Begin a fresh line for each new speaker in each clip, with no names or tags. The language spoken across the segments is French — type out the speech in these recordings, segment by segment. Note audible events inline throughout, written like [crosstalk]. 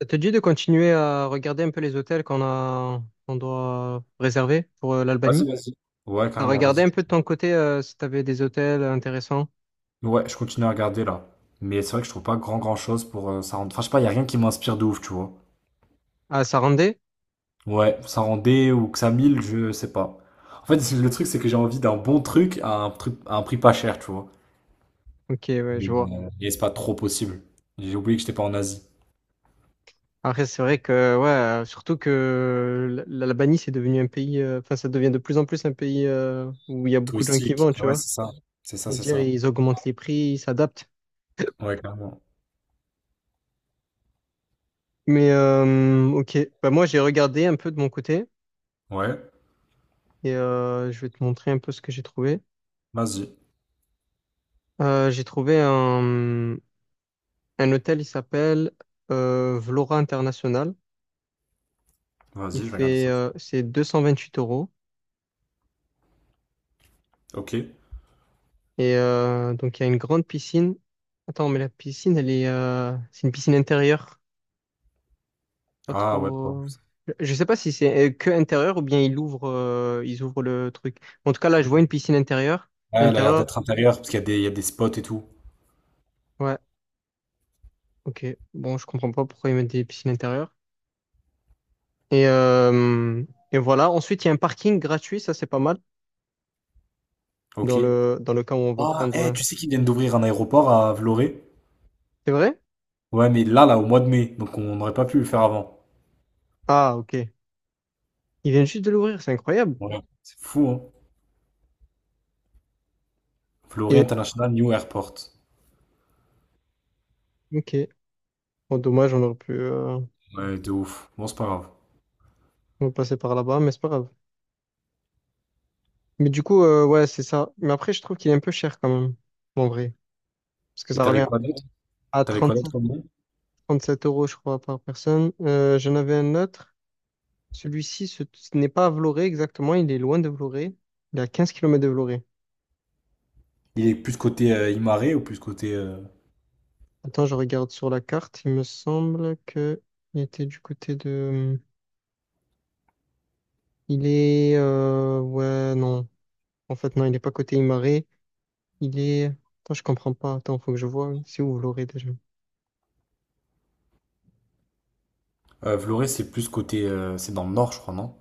Ça te dit de continuer à regarder un peu les hôtels qu'on a, qu'on doit réserver pour
Vas-y,
l'Albanie?
vas-y. Ouais, carrément,
Regarder
vas-y.
un peu de ton côté si tu avais des hôtels intéressants.
Ouais, je continue à regarder là. Mais c'est vrai que je trouve pas grand grand chose pour Enfin, je sais pas, y a rien qui m'inspire de ouf, tu vois.
Ah, Sarandé?
Ouais, ça rendait ou que ça mille, je sais pas. En fait, [laughs] le truc, c'est que j'ai envie d'un bon truc à un prix pas cher, tu vois.
Ok, ouais, je
Mais
vois.
et c'est pas trop possible. J'ai oublié que j'étais pas en Asie.
Après, c'est vrai que, ouais, surtout que l'Albanie, c'est devenu un pays, enfin, ça devient de plus en plus un pays où il y a beaucoup de gens qui
Touristique.
vont,
Et
tu
ouais,
vois.
c'est ça. C'est ça, c'est
C'est-à-dire,
ça.
ils augmentent les prix, ils s'adaptent. [coughs]
Ouais, carrément.
Mais, ok, bah, moi, j'ai regardé un peu de mon côté
Ouais,
et je vais te montrer un peu ce que j'ai trouvé.
vas-y.
J'ai trouvé un. Un hôtel, il s'appelle Vlora International. Il
Vas-y, je vais regarder
fait,
ça.
c'est 228 euros.
Ok.
Et donc, il y a une grande piscine. Attends, mais la piscine, elle est, c'est une piscine intérieure. Pas
Ah ouais, bon.
trop. Je sais pas si c'est que intérieur ou bien ils ouvrent le truc. En tout cas, là, je vois une piscine intérieure.
Ouais, elle a l'air
L'intérieur,
d'être intérieure parce qu'il y a des spots et tout.
ouais, ok. Bon, je comprends pas pourquoi ils mettent des piscines intérieures. Et, euh, et voilà. Ensuite, il y a un parking gratuit. Ça, c'est pas mal
Ok.
dans le cas où on veut
Ah, eh,
prendre.
tu sais qu'ils viennent d'ouvrir un aéroport à Vloré?
C'est vrai?
Ouais, mais là, au mois de mai, donc on n'aurait pas pu le faire avant.
Ah, ok. Il vient juste de l'ouvrir, c'est incroyable.
Ouais, c'est fou, hein? Vloré
Et
International New Airport.
ok, bon, dommage, on aurait pu
Ouais, de ouf. Bon, c'est pas grave.
passer par là-bas, mais c'est pas grave. Mais du coup, ouais, c'est ça. Mais après, je trouve qu'il est un peu cher quand même, en vrai. Parce que
Et
ça
t'avais
revient
quoi d'autre?
à
T'avais quoi d'autre comme nom?
37 euros, je crois, par personne. J'en avais un autre. Celui-ci, ce n'est pas à Vloré exactement, il est loin de Vloré. Il est à 15 kilomètres de Vloré.
Il est plus côté Imare, ou plus côté,
Attends, je regarde sur la carte. Il me semble que il était du côté de. Il est. Ouais, non. En fait, non, il n'est pas côté Imare. Il est. Attends, je comprends pas. Attends, faut que je vois. C'est où Vloré déjà?
Vloré, c'est plus côté, c'est dans le nord, je crois, non?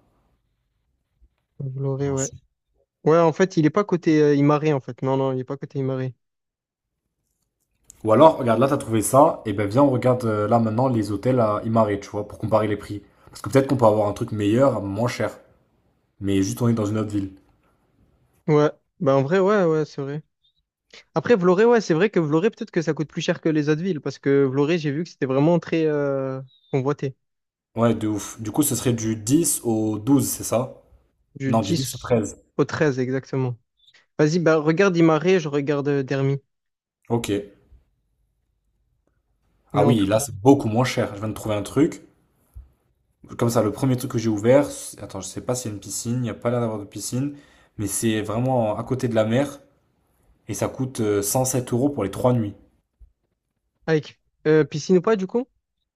Vloré,
Dans le
ouais.
sud.
Ouais, en fait, il est pas côté Imare, en fait. Non, non, il est pas côté Imare.
Ou alors, regarde, là, t'as trouvé ça, et ben viens, on regarde là maintenant les hôtels à Imare, tu vois, pour comparer les prix. Parce que peut-être qu'on peut avoir un truc meilleur, moins cher. Mais juste on est dans une autre ville.
Ouais. Bah, en vrai, ouais, ouais, c'est vrai. Après, Vloré, ouais, c'est vrai que Vloré, peut-être que ça coûte plus cher que les autres villes, parce que Vloré, j'ai vu que c'était vraiment très convoité.
Ouais, de ouf. Du coup, ce serait du 10 au 12, c'est ça?
Du
Non, du 10 au
dix
13.
au treize exactement. Vas-y, bah, regarde Imare, je regarde Dermi.
Ok.
Mais
Ah
en
oui,
tout.
là, c'est beaucoup moins cher. Je viens de trouver un truc. Comme ça, le premier truc que j'ai ouvert, attends, je sais pas s'il y a une piscine, il n'y a pas l'air d'avoir de piscine, mais c'est vraiment à côté de la mer et ça coûte 107 € pour les 3 nuits.
Avec piscine ou pas, du coup?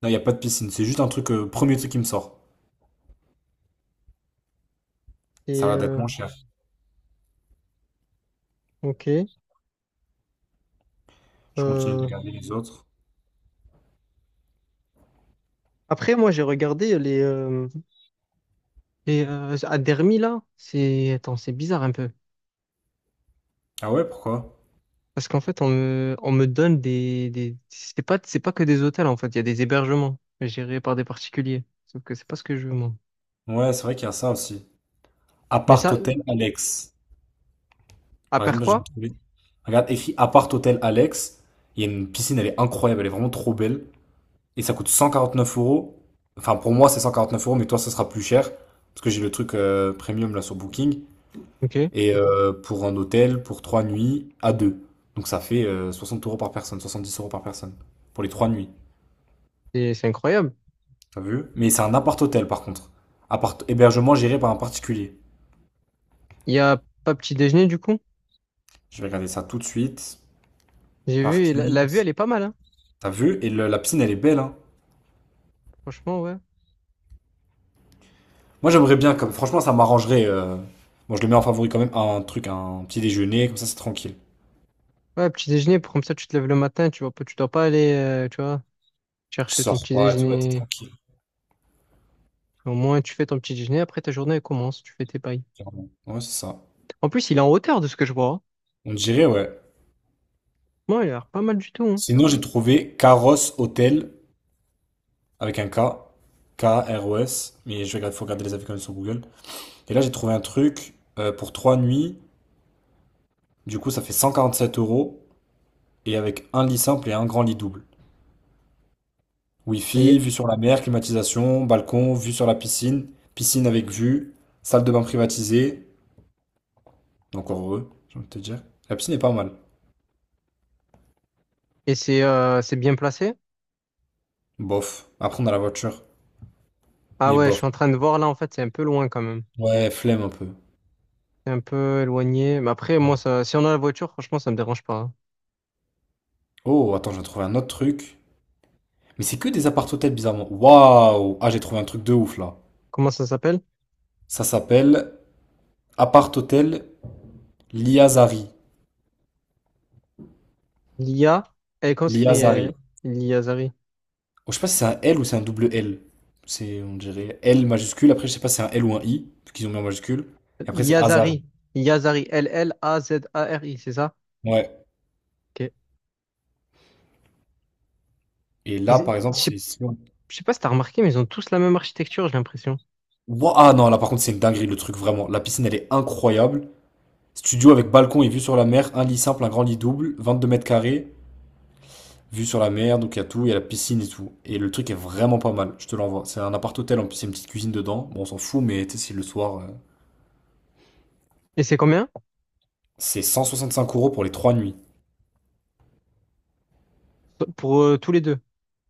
Non, il n'y a pas de piscine, c'est juste un truc, premier truc qui me sort. Ça
Et.
a l'air d'être moins cher.
Ok.
Je continue de
Euh,
regarder les autres.
après, moi, j'ai regardé les. Et à Dermi, là, c'est... Attends, c'est bizarre un peu.
Ah ouais, pourquoi?
Parce qu'en fait, on me donne des... c'est pas que des hôtels, en fait. Il y a des hébergements gérés par des particuliers. Sauf que c'est pas ce que je veux, moi.
Ouais, c'est vrai qu'il y a ça aussi.
Mais
Appart
ça,
hôtel Alex.
à
Par exemple, j'ai
quoi
trouvé. Regarde, écrit appart hôtel Alex. Il y a une piscine, elle est incroyable, elle est vraiment trop belle. Et ça coûte 149 euros. Enfin, pour moi, c'est 149 euros, mais toi, ça sera plus cher. Parce que j'ai le truc premium là sur Booking.
Ok.
Et pour un hôtel, pour 3 nuits, à deux. Donc ça fait 60 € par personne, 70 € par personne. Pour les 3 nuits.
Et c'est incroyable.
T'as vu? Mais c'est un appart-hôtel par contre. Appart hébergement géré par un particulier.
Il y a pas petit déjeuner, du coup.
Je vais regarder ça tout de suite.
J'ai vu, et la
Parking.
vue, elle est pas mal, hein.
T'as vu? Et la piscine, elle est belle, hein.
Franchement, ouais.
Moi, j'aimerais bien, comme franchement, ça m'arrangerait. Moi, je le mets en favori quand même, un truc, un petit déjeuner, comme ça, c'est tranquille.
Ouais, petit déjeuner, comme ça, tu te lèves le matin, tu vois pas, tu dois pas aller, tu vois,
Tu
chercher ton
sors
petit
pas, tu vois, t'es
déjeuner.
tranquille.
Au moins, tu fais ton petit déjeuner, après ta journée, elle commence, tu fais tes pailles.
Clairement. Ouais, c'est ça.
En plus, il est en hauteur de ce que je vois, hein.
On dirait, ouais.
Ouais, il a l'air pas mal du tout, hein.
Sinon, j'ai trouvé Caros Hotel, avec un K, KROS, mais je regarde, faut regarder les avis quand même sur Google. Et là, j'ai trouvé un truc pour 3 nuits, du coup, ça fait 147 euros, et avec un lit simple et un grand lit double. Wi-Fi,
Et,
vue sur la mer, climatisation, balcon, vue sur la piscine, piscine avec vue, salle de bain privatisée. Encore heureux, j'ai envie de te dire. La piscine est pas mal.
et c'est bien placé?
Bof. Après, on a la voiture.
Ah
Mais
ouais, je
bof.
suis en train de voir là, en fait, c'est un peu loin quand même.
Ouais, flemme un peu.
C'est un peu éloigné. Mais après, moi,
Ouais.
ça, si on a la voiture, franchement, ça me dérange pas, hein.
Oh, attends, j'ai trouvé un autre truc. Mais c'est que des appart-hôtels, bizarrement. Waouh! Ah, j'ai trouvé un truc de ouf, là.
Comment ça s'appelle?
Ça s'appelle appart-hôtel Liazari.
L'IA. Elle conscrit
Liazari.
L'Iazari.
Oh, je sais pas si c'est un L ou c'est un double L. C'est, on dirait, L majuscule. Après, je sais pas si c'est un L ou un I, parce qu'ils ont mis en majuscule. Et après, c'est Azari.
Yazari. Yazari. Llazari, c'est ça?
Ouais.
Ok.
Et là,
Ils-
par
Je
exemple,
sais
c'est... si on-
Je sais pas si t'as remarqué, mais ils ont tous la même architecture, j'ai l'impression.
Ouah, ah non, là, par contre, c'est une dinguerie, le truc, vraiment. La piscine, elle est incroyable. Studio avec balcon et vue sur la mer, un lit simple, un grand lit double, 22 m², vue sur la mer, donc il y a tout, il y a la piscine et tout. Et le truc est vraiment pas mal, je te l'envoie. C'est un appart-hôtel en plus, il y a une petite cuisine dedans. Bon, on s'en fout, mais tu sais, c'est le soir.
Et c'est combien?
C'est 5 € pour les 3 nuits.
Pour tous les deux.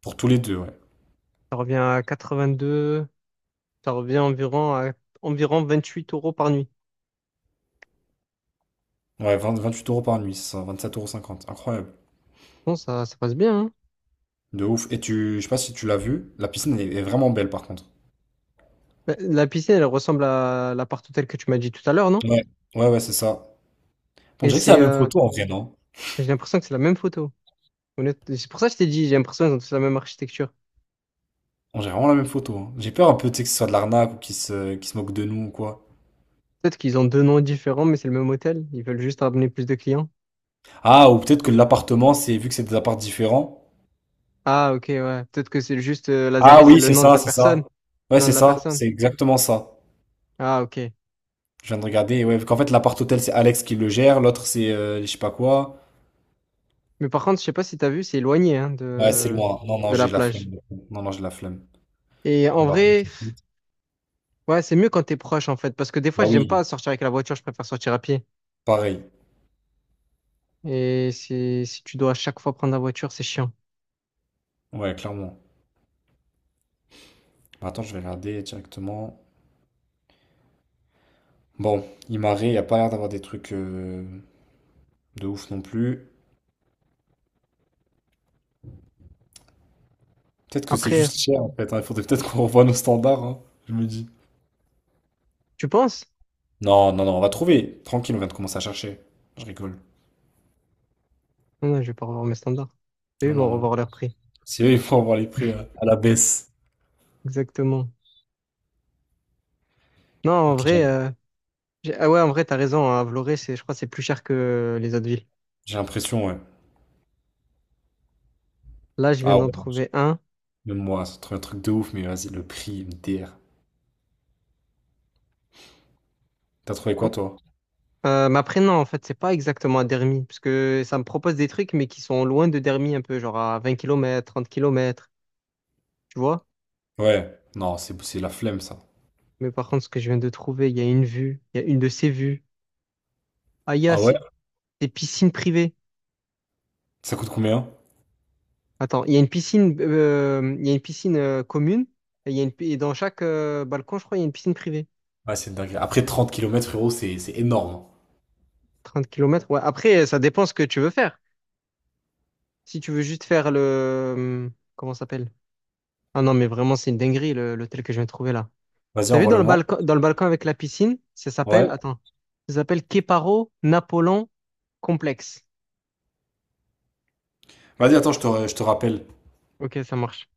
Pour tous les deux, ouais.
Ça revient à 82. Ça revient environ à environ 28 euros par nuit.
Ouais, 20 28 € par nuit, c'est ça, sept euros cinquante. Incroyable.
Bon, ça passe bien, hein.
De ouf. Et je sais pas si tu l'as vu, la piscine est vraiment belle par contre.
La piscine, elle ressemble à l'appart hôtel que tu m'as dit tout à l'heure, non?
Ouais, ouais, ouais, c'est ça. On
Et
dirait que c'est la
c'est,
même photo en vrai, non?
j'ai l'impression que c'est la même photo. C'est pour ça que je t'ai dit, j'ai l'impression qu'ils ont tous la même architecture.
On dirait vraiment la même photo, hein. J'ai peur un peu, tu sais, que ce soit de l'arnaque ou qu'ils se moquent de nous ou quoi.
Peut-être qu'ils ont deux noms différents, mais c'est le même hôtel. Ils veulent juste ramener plus de clients.
Ah, ou peut-être que l'appartement, c'est vu que c'est des apparts différents.
Ah, ok, ouais. Peut-être que c'est juste
Ah
Lazare, c'est
oui,
le
c'est
nom de
ça,
la
c'est
personne.
ça.
C'est
Ouais,
le nom
c'est
de la
ça,
personne.
c'est exactement ça.
Ah, ok.
Je viens de regarder, et ouais, vu qu'en fait, l'appart hôtel, c'est Alex qui le gère, l'autre, c'est je sais pas quoi.
Mais par contre, je sais pas si t'as vu, c'est éloigné hein,
Ouais, c'est loin. Non, non,
de la
j'ai la
plage.
flemme. Non, non, j'ai la flemme.
Et
On
en
va remettre
vrai,
vite.
ouais, c'est mieux quand t'es proche, en fait. Parce que des fois,
Bah
j'aime
oui,
pas sortir avec la voiture, je préfère sortir à pied.
pareil.
Et si tu dois à chaque fois prendre la voiture, c'est chiant.
Ouais, clairement. Bah, attends, je vais regarder directement. Bon, Imare, il a pas l'air d'avoir des trucs de ouf non plus. Peut-être que c'est
Après,
juste cher, en fait, hein. Il faudrait peut-être qu'on revoie nos standards, hein, je me dis.
tu penses?
Non, non, non, on va trouver. Tranquille, on vient de commencer à chercher. Je rigole.
Non, non, je vais pas revoir mes standards. Eux, ils
Non, non,
vont
non.
revoir leur prix.
C'est eux, ils font avoir les prix
[laughs]
à la baisse.
Exactement. Non, en
Ok,
vrai.
j'ai
Ah ouais, en vrai, t'as raison, hein, À Vloré, c'est, je crois, que c'est plus cher que les autres villes.
j'ai l'impression, ouais.
Là, je viens
Ah
d'en
ouais, non,
trouver un.
même moi, c'est trop un truc de ouf, mais vas-y, le prix, une DR. T'as trouvé quoi,
Quoi
toi?
Mais après, non, en fait, c'est pas exactement à Dermy, parce que ça me propose des trucs, mais qui sont loin de Dermy un peu, genre à 20 kilomètres 30 kilomètres tu vois?
Ouais. Non, c'est la flemme, ça.
Mais par contre, ce que je viens de trouver, il y a une vue, il y a une de ces vues. Ah, il y a
Ah ouais?
des piscines privées.
Ça coûte combien?
Attends, il y a une piscine, il y a une piscine commune, et, il y a et dans chaque balcon, je crois, il y a une piscine privée.
Ouais, c'est une dinguerie. Après 30 km frérot, c'est énorme.
30 kilomètres ouais. Après, ça dépend ce que tu veux faire. Si tu veux juste faire le... euh, comment ça s'appelle? Ah non, mais vraiment, c'est une dinguerie, l'hôtel que je viens de trouver là.
Vas-y,
T'as vu
envoie-le-moi.
dans le balcon avec la piscine? Ça s'appelle...
Ouais.
Attends. Ça s'appelle Keparo Napoléon Complexe.
Vas-y, attends, je te rappelle.
Ok, ça marche.